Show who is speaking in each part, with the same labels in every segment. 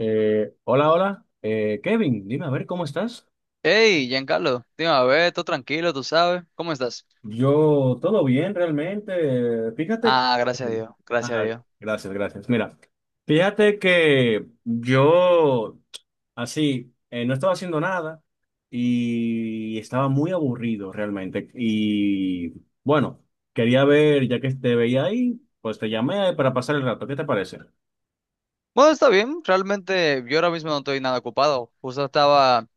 Speaker 1: Hola, hola. Kevin, dime a ver cómo estás.
Speaker 2: Hey, Giancarlo, te iba a ver, todo tranquilo, tú sabes. ¿Cómo estás?
Speaker 1: Yo, todo bien realmente. Fíjate que...
Speaker 2: Ah, gracias a Dios, gracias a
Speaker 1: Ah,
Speaker 2: Dios.
Speaker 1: gracias, gracias. Mira, fíjate que yo así no estaba haciendo nada y estaba muy aburrido realmente. Y bueno, quería ver, ya que te veía ahí, pues te llamé para pasar el rato. ¿Qué te parece?
Speaker 2: Bueno, está bien, realmente yo ahora mismo no estoy nada ocupado. Justo estaba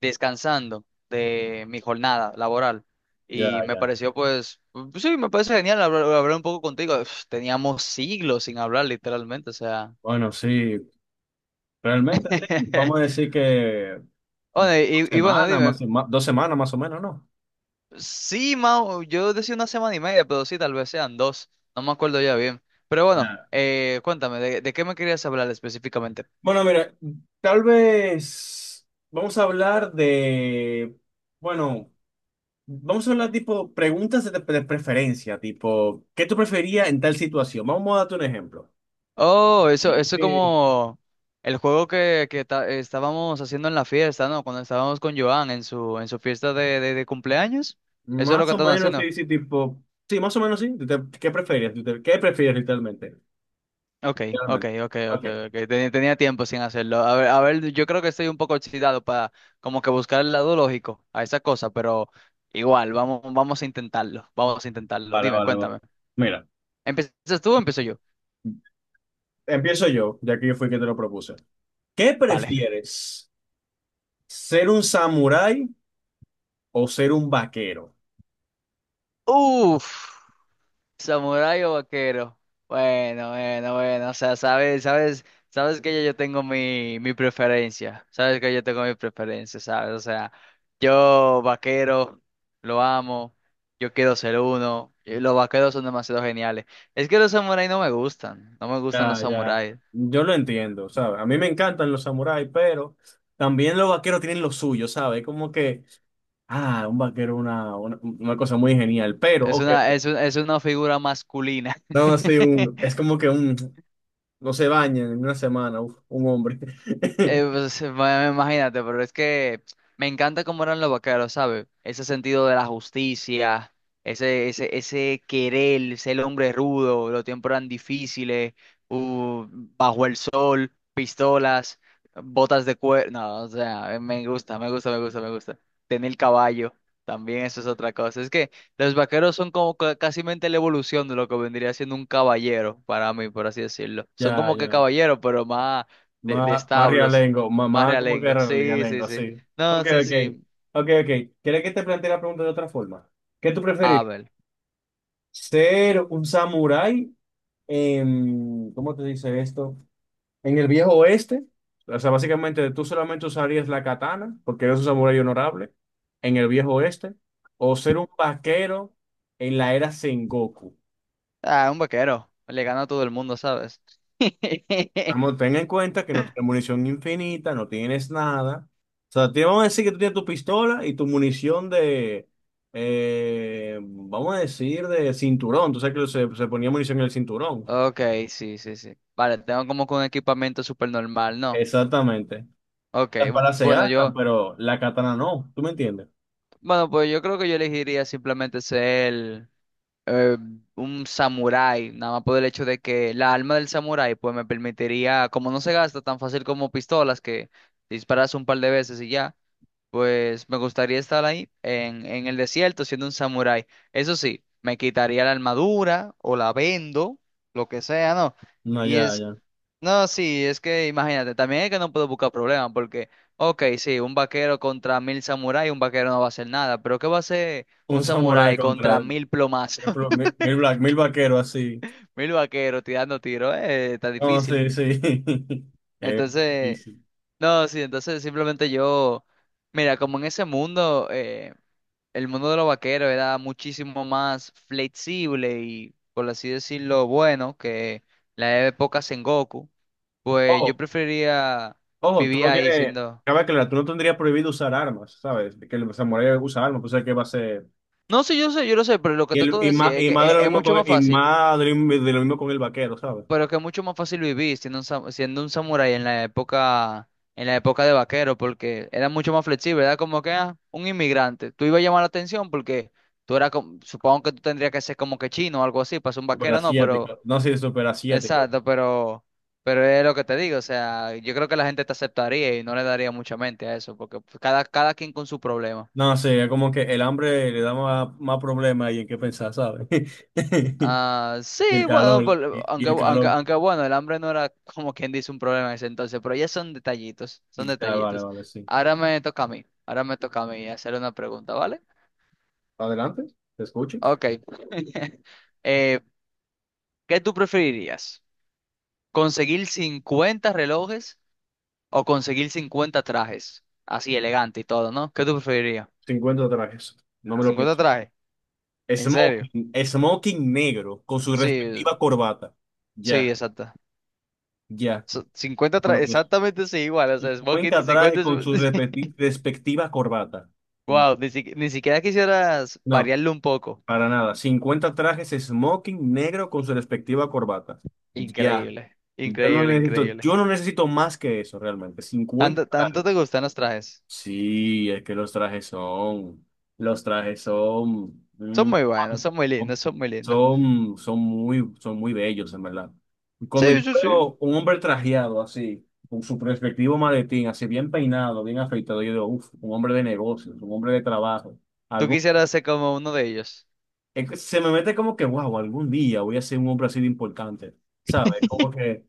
Speaker 2: descansando de mi jornada laboral y
Speaker 1: Ya,
Speaker 2: me
Speaker 1: ya.
Speaker 2: pareció, pues, sí, me parece genial hablar un poco contigo. Uf, teníamos siglos sin hablar, literalmente, o sea.
Speaker 1: Bueno, sí. Realmente sí, vamos a decir que
Speaker 2: Bueno,
Speaker 1: dos
Speaker 2: y, bueno,
Speaker 1: semanas
Speaker 2: dime.
Speaker 1: dos semanas más o menos, ¿no?
Speaker 2: Sí, Mau, yo decía una semana y media, pero sí, tal vez sean dos. No me acuerdo ya bien. Pero bueno,
Speaker 1: Ya.
Speaker 2: cuéntame, ¿de qué me querías hablar específicamente?
Speaker 1: Bueno, mira, tal vez vamos a hablar de, bueno, vamos a hablar tipo preguntas de preferencia, tipo, ¿qué tú preferías en tal situación? Vamos a darte un ejemplo.
Speaker 2: Oh, eso,
Speaker 1: Sí,
Speaker 2: eso es
Speaker 1: que-
Speaker 2: como el juego que estábamos haciendo en la fiesta, ¿no? Cuando estábamos con Joan en su fiesta de cumpleaños. Eso es lo
Speaker 1: Más
Speaker 2: que
Speaker 1: o
Speaker 2: estamos
Speaker 1: menos
Speaker 2: haciendo.
Speaker 1: sí, sí, tipo, sí, más o menos sí. ¿Qué prefieres? ¿Qué prefieres literalmente?
Speaker 2: Ok, ok,
Speaker 1: Realmente.
Speaker 2: ok,
Speaker 1: Ok,
Speaker 2: ok, ok. Tenía tiempo sin hacerlo. A ver, yo creo que estoy un poco oxidado para como que buscar el lado lógico a esa cosa, pero igual, vamos a intentarlo. Vamos a intentarlo.
Speaker 1: vale,
Speaker 2: Dime,
Speaker 1: vale, vale.
Speaker 2: cuéntame.
Speaker 1: Mira,
Speaker 2: ¿Empiezas tú o empiezo yo?
Speaker 1: empiezo yo, ya que yo fui quien te lo propuse. ¿Qué
Speaker 2: Vale.
Speaker 1: prefieres? ¿Ser un samurái o ser un vaquero?
Speaker 2: Uf. ¿Samurái o vaquero? Bueno, o sea, sabes que yo tengo mi preferencia, sabes que yo tengo mi preferencia, sabes, o sea, yo vaquero, lo amo, yo quiero ser uno, y los vaqueros son demasiado geniales. Es que los samuráis no me gustan, no me gustan los
Speaker 1: Ya, ya,
Speaker 2: samuráis,
Speaker 1: yo lo entiendo, ¿sabes? A mí me encantan los samuráis, pero también los vaqueros tienen lo suyo, ¿sabes? Como que, ah, un vaquero es una cosa muy genial, pero, ok,
Speaker 2: es una figura masculina.
Speaker 1: no, así un, es como que un, no se baña en una semana, uf, un hombre.
Speaker 2: Eh, pues, bueno, imagínate, pero es que me encanta cómo eran los vaqueros, ¿sabes? Ese sentido de la justicia, ese querer, ser el hombre rudo, los tiempos eran difíciles, bajo el sol, pistolas, botas de cuero. No, o sea, me gusta, me gusta, me gusta, me gusta. Tener el caballo, también eso es otra cosa. Es que los vaqueros son como casi mente la evolución de lo que vendría siendo un caballero, para mí, por así decirlo. Son
Speaker 1: Ya,
Speaker 2: como que
Speaker 1: ya,
Speaker 2: caballeros, pero más de
Speaker 1: más
Speaker 2: establos,
Speaker 1: realengo,
Speaker 2: más
Speaker 1: mamá como que
Speaker 2: realengo.
Speaker 1: era
Speaker 2: Sí, sí,
Speaker 1: realengo,
Speaker 2: sí.
Speaker 1: sí. Ok,
Speaker 2: No, sí,
Speaker 1: ok,
Speaker 2: sí.
Speaker 1: ok, ok. ¿Quieres que te plantee la pregunta de otra forma? ¿Qué tú preferís?
Speaker 2: Abel.
Speaker 1: Ser un samurái en, ¿cómo te dice esto? En el viejo oeste. O sea, básicamente tú solamente usarías la katana, porque eres un samurái honorable, en el viejo oeste, o ser un vaquero en la era Sengoku.
Speaker 2: Ah, un vaquero. Le gana a todo el mundo, ¿sabes?
Speaker 1: Vamos, ten en cuenta que no tienes munición infinita, no tienes nada. O sea, te vamos a decir que tú tienes tu pistola y tu munición de, vamos a decir, de cinturón. Tú sabes que se ponía munición en el cinturón.
Speaker 2: Ok, sí, sí, sí. Vale, tengo como que un equipamiento súper normal, ¿no?
Speaker 1: Exactamente.
Speaker 2: Ok,
Speaker 1: Las balas se
Speaker 2: bueno,
Speaker 1: gastan,
Speaker 2: yo,
Speaker 1: pero la katana no, ¿tú me entiendes?
Speaker 2: bueno, pues yo creo que yo elegiría simplemente ser eh, un samurái, nada más por el hecho de que la alma del samurái, pues me permitiría, como no se gasta tan fácil como pistolas, que disparas un par de veces y ya. Pues me gustaría estar ahí en el desierto siendo un samurái. Eso sí, me quitaría la armadura o la vendo, lo que sea, ¿no?
Speaker 1: No,
Speaker 2: Y
Speaker 1: ya,
Speaker 2: es,
Speaker 1: ya.
Speaker 2: no, sí, es que imagínate, también es que no puedo buscar problemas porque, ok, sí, un vaquero contra 1000 samuráis, un vaquero no va a hacer nada, pero ¿qué va a hacer
Speaker 1: Un
Speaker 2: un
Speaker 1: samurái
Speaker 2: samurái
Speaker 1: contra
Speaker 2: contra 1000 plomazos?
Speaker 1: ejemplo, mil vaqueros así.
Speaker 2: 1000 vaqueros tirando tiros, está
Speaker 1: No,
Speaker 2: difícil.
Speaker 1: sí, sí. Es
Speaker 2: Entonces,
Speaker 1: difícil.
Speaker 2: no, sí, entonces simplemente yo, mira, como en ese mundo, el mundo de los vaqueros era muchísimo más flexible y, por así decirlo, bueno que la época Sengoku, pues yo
Speaker 1: Ojo,
Speaker 2: preferiría
Speaker 1: ojo, tú
Speaker 2: vivir
Speaker 1: no
Speaker 2: ahí
Speaker 1: tienes,
Speaker 2: siendo.
Speaker 1: cabe aclarar, tú no tendrías prohibido usar armas, ¿sabes? Que el samurái usa armas, pues es que va a ser...
Speaker 2: No sé, yo sé, yo lo sé, pero lo que
Speaker 1: Y,
Speaker 2: trato de decir es que
Speaker 1: más de lo
Speaker 2: es,
Speaker 1: mismo
Speaker 2: mucho
Speaker 1: con,
Speaker 2: más
Speaker 1: el, y
Speaker 2: fácil,
Speaker 1: más de lo mismo con el vaquero, ¿sabes?
Speaker 2: pero que es mucho más fácil vivir siendo siendo un samurái en la época de vaquero, porque era mucho más flexible, era como que un inmigrante. Tú ibas a llamar la atención porque tú eras, supongo que tú tendrías que ser como que chino o algo así, para ser un vaquero, no, pero.
Speaker 1: Superasiático. No, sí, superasiático.
Speaker 2: Exacto, pero es lo que te digo, o sea, yo creo que la gente te aceptaría y no le daría mucha mente a eso, porque pues, cada quien con su problema.
Speaker 1: No, sí, es como que el hambre le da más problemas y en qué pensar, ¿sabes?
Speaker 2: Ah,
Speaker 1: Y el
Speaker 2: sí, bueno,
Speaker 1: calor, y,
Speaker 2: por-
Speaker 1: y
Speaker 2: aunque,
Speaker 1: el
Speaker 2: aunque,
Speaker 1: calor.
Speaker 2: aunque bueno, el hambre no era como quien dice un problema en ese entonces, pero ya son detallitos,
Speaker 1: Y,
Speaker 2: son
Speaker 1: ah, vale,
Speaker 2: detallitos.
Speaker 1: vale, sí.
Speaker 2: Ahora me toca a mí hacer una pregunta, ¿vale?
Speaker 1: Adelante, te escucho.
Speaker 2: Ok. Eh, ¿qué tú preferirías? ¿Conseguir 50 relojes o conseguir 50 trajes? Así elegante y todo, ¿no? ¿Qué tú preferirías?
Speaker 1: 50 trajes. No me lo
Speaker 2: 50
Speaker 1: pienso.
Speaker 2: trajes, en serio.
Speaker 1: Smoking, smoking negro con su
Speaker 2: Sí,
Speaker 1: respectiva corbata.
Speaker 2: sí,
Speaker 1: Ya,
Speaker 2: exacta.
Speaker 1: ya.
Speaker 2: 50
Speaker 1: Bueno,
Speaker 2: trajes,
Speaker 1: pues
Speaker 2: exactamente sí, igual. O sea, es Smoking
Speaker 1: 50 trajes
Speaker 2: 50.
Speaker 1: con su respecti- respectiva corbata.
Speaker 2: Wow, ni, si ni siquiera quisieras
Speaker 1: No,
Speaker 2: variarlo un poco.
Speaker 1: para nada. 50 trajes smoking negro con su respectiva corbata. Ya.
Speaker 2: Increíble,
Speaker 1: Yo no
Speaker 2: increíble,
Speaker 1: necesito,
Speaker 2: increíble.
Speaker 1: yo no necesito más que eso realmente. cincuenta
Speaker 2: Tanto
Speaker 1: trajes.
Speaker 2: te gustan los trajes.
Speaker 1: Sí, es que los trajes son
Speaker 2: Son muy buenos, son muy lindos, son muy lindos.
Speaker 1: muy bellos, en verdad. Y cuando yo
Speaker 2: Sí, sí, sí.
Speaker 1: veo un hombre trajeado así, con su perspectivo maletín, así bien peinado, bien afeitado, yo digo, uff, un hombre de negocios, un hombre de trabajo.
Speaker 2: Tú
Speaker 1: Algo
Speaker 2: quisieras ser como uno de ellos.
Speaker 1: es que se me mete como que, wow, algún día voy a ser un hombre así de importante, ¿sabes? Como que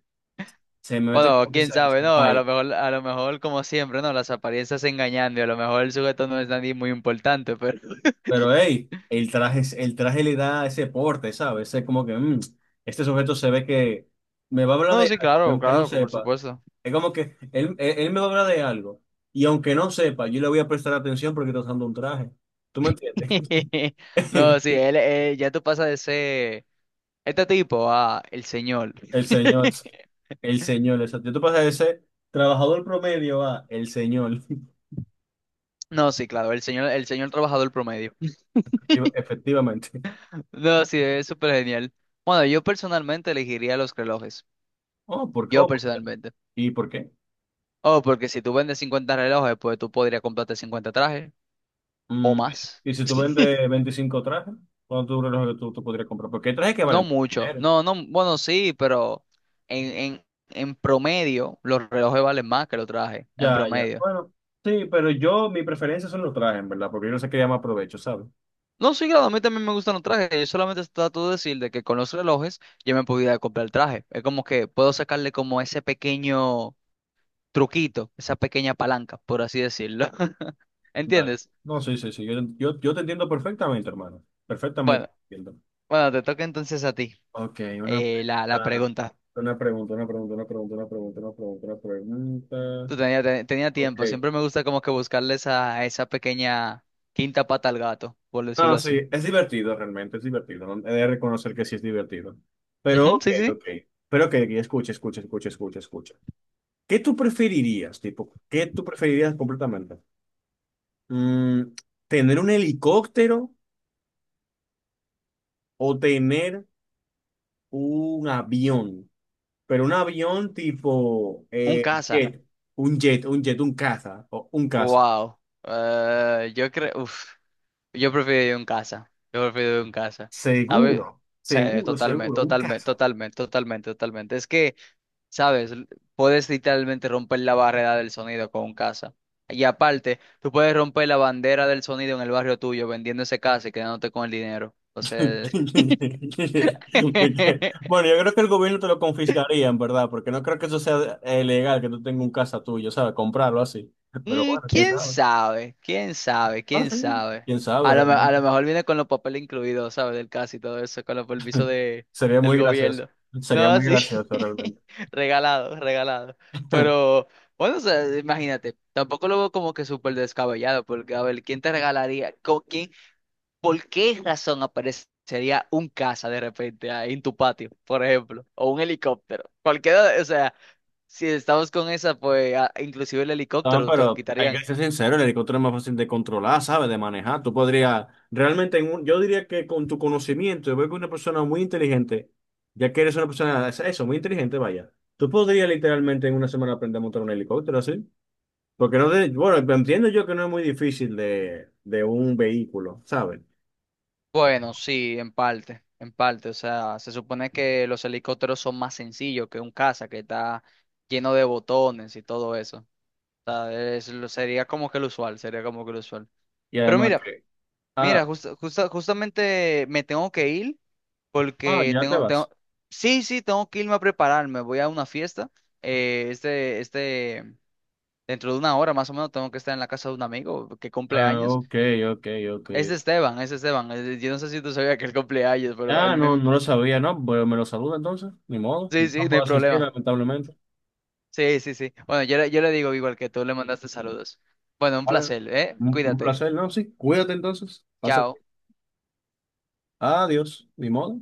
Speaker 1: se me mete
Speaker 2: Bueno,
Speaker 1: como que
Speaker 2: quién
Speaker 1: esa
Speaker 2: sabe, ¿no? A lo
Speaker 1: vibe.
Speaker 2: mejor, a lo mejor, como siempre, ¿no? Las apariencias engañando y a lo mejor el sujeto no es nadie muy importante, pero.
Speaker 1: Pero hey, el traje, el traje le da ese porte, ¿sabes? Es como que este sujeto se ve que me va a hablar
Speaker 2: No,
Speaker 1: de
Speaker 2: sí,
Speaker 1: algo, que
Speaker 2: claro,
Speaker 1: aunque no
Speaker 2: claro, que por
Speaker 1: sepa,
Speaker 2: supuesto.
Speaker 1: es como que él me va a hablar de algo, y aunque no sepa, yo le voy a prestar atención porque está usando un traje. ¿Tú me entiendes?
Speaker 2: No, sí, él, ya tú pasas de ser este tipo a el señor.
Speaker 1: El señor, el señor, exacto. Yo te pasé de ser trabajador promedio a el señor,
Speaker 2: No, sí, claro, el señor trabajador promedio.
Speaker 1: efectivamente.
Speaker 2: No, sí, es súper genial. Bueno, yo personalmente elegiría los relojes.
Speaker 1: Oh, ¿por qué?
Speaker 2: Yo
Speaker 1: Oh,
Speaker 2: personalmente.
Speaker 1: ¿y por qué?
Speaker 2: Oh, porque si tú vendes 50 relojes, pues tú podrías comprarte 50 trajes o
Speaker 1: Mm,
Speaker 2: más.
Speaker 1: Y si tú vendes 25 trajes, ¿cuánto dura lo que tú podrías comprar? Porque hay trajes que
Speaker 2: No
Speaker 1: valen mucho
Speaker 2: mucho.
Speaker 1: dinero.
Speaker 2: No, no, bueno, sí, pero en, en, en promedio los relojes valen más que los trajes, en
Speaker 1: Ya, ya.
Speaker 2: promedio.
Speaker 1: Bueno, sí, pero yo, mi preferencia son los trajes, en ¿verdad? Porque yo no sé qué más provecho, ¿sabes?
Speaker 2: No, sí, claro, a mí también me gustan los trajes. Yo solamente trato de decir de que con los relojes yo me podía comprar el traje. Es como que puedo sacarle como ese pequeño truquito, esa pequeña palanca, por así decirlo.
Speaker 1: Vale.
Speaker 2: ¿Entiendes?
Speaker 1: No, sí, sí, sí. Yo te entiendo perfectamente, hermano. Perfectamente.
Speaker 2: Bueno,
Speaker 1: Te entiendo.
Speaker 2: bueno, te toca entonces a ti
Speaker 1: Ok, una,
Speaker 2: la
Speaker 1: pregunta,
Speaker 2: pregunta.
Speaker 1: una pregunta, una pregunta, una pregunta, pregunta.
Speaker 2: Tú tenía, tenía tiempo.
Speaker 1: Ok.
Speaker 2: Siempre me gusta como que buscarle esa pequeña quinta pata al gato, por decirlo
Speaker 1: No, sí,
Speaker 2: así.
Speaker 1: es divertido realmente, es divertido. ¿No? He de reconocer que sí es divertido. Pero,
Speaker 2: Ujú, sí,
Speaker 1: ok,
Speaker 2: sí. Sí.
Speaker 1: ok. Pero, ok, ok, escucha, escucha, escucha, escucha, escucha. ¿Qué tú preferirías, tipo? ¿Qué tú preferirías completamente? Mm, ¿Tener un helicóptero o tener un avión? Pero un avión tipo
Speaker 2: Un caza.
Speaker 1: jet, un jet, un caza, o un caza.
Speaker 2: Wow. Yo creo, uf, yo prefiero ir en casa. Yo prefiero ir en casa. ¿Sabes?
Speaker 1: Seguro,
Speaker 2: Sí,
Speaker 1: seguro,
Speaker 2: totalmente,
Speaker 1: seguro, un
Speaker 2: totalmente,
Speaker 1: caza.
Speaker 2: totalmente, totalmente, totalmente. Es que, ¿sabes? Puedes literalmente romper la barrera del sonido con un casa. Y aparte, tú puedes romper la bandera del sonido en el barrio tuyo vendiendo ese casa y quedándote con el dinero. O sea.
Speaker 1: De Bueno, yo creo que el gobierno te lo confiscaría, en verdad, porque no creo que eso sea legal, que tú tengas un casa tuyo, ¿sabes? Comprarlo así. Pero
Speaker 2: Mm,
Speaker 1: bueno, quién
Speaker 2: ¿quién
Speaker 1: sabe.
Speaker 2: sabe? ¿Quién sabe?
Speaker 1: Ah,
Speaker 2: ¿Quién
Speaker 1: sí,
Speaker 2: sabe?
Speaker 1: quién sabe
Speaker 2: A
Speaker 1: realmente.
Speaker 2: lo mejor viene con los papeles incluidos, ¿sabes? Del caso y todo eso, con los permisos
Speaker 1: Sería
Speaker 2: del
Speaker 1: muy gracioso.
Speaker 2: gobierno.
Speaker 1: Sería
Speaker 2: No,
Speaker 1: muy
Speaker 2: sí.
Speaker 1: gracioso realmente.
Speaker 2: Regalado, regalado. Pero, bueno, o sea, imagínate, tampoco lo veo como que súper descabellado, porque, a ver, ¿quién te regalaría? ¿Por qué razón aparecería un caza de repente ahí en tu patio, por ejemplo? O un helicóptero. Cualquiera, o sea, si estamos con esa, pues inclusive el
Speaker 1: Ah,
Speaker 2: helicóptero te lo
Speaker 1: pero hay que
Speaker 2: quitarían.
Speaker 1: ser sincero, el helicóptero es más fácil de controlar, ¿sabes? De manejar. Tú podrías, realmente, yo diría que con tu conocimiento, yo veo que una persona muy inteligente, ya que eres una persona, eso, muy inteligente, vaya, tú podrías literalmente en una semana aprender a montar un helicóptero así. Porque no, bueno, entiendo yo que no es muy difícil de un vehículo, ¿sabes?
Speaker 2: Bueno, sí, en parte, en parte. O sea, se supone que los helicópteros son más sencillos que un caza que está lleno de botones y todo eso. O sea, sería como que lo usual, sería como que lo usual.
Speaker 1: Y
Speaker 2: Pero
Speaker 1: además
Speaker 2: mira,
Speaker 1: que, ah,
Speaker 2: Mira, justamente me tengo que ir
Speaker 1: ah,
Speaker 2: porque
Speaker 1: ya te vas.
Speaker 2: sí, sí, tengo que irme a prepararme. Voy a una fiesta. eh, este, este, dentro de una hora más o menos tengo que estar en la casa de un amigo que cumple
Speaker 1: Ah,
Speaker 2: años.
Speaker 1: ok, ok, ok.
Speaker 2: Es de Esteban, es de Esteban. Es Yo no sé si tú sabías que él cumple años, pero él
Speaker 1: Ah, no,
Speaker 2: me.
Speaker 1: no lo sabía, ¿no? Bueno, me lo saluda entonces, ni modo,
Speaker 2: Sí,
Speaker 1: no
Speaker 2: sí, no
Speaker 1: puedo
Speaker 2: hay
Speaker 1: asistir,
Speaker 2: problema.
Speaker 1: lamentablemente.
Speaker 2: Sí, sí, sí. Bueno, yo le digo igual que tú le mandaste saludos. Bueno, un
Speaker 1: Vale,
Speaker 2: placer, ¿eh?
Speaker 1: un
Speaker 2: Cuídate.
Speaker 1: placer, ¿no? Sí, cuídate entonces. Pasa.
Speaker 2: Chao.
Speaker 1: Adiós, ni modo.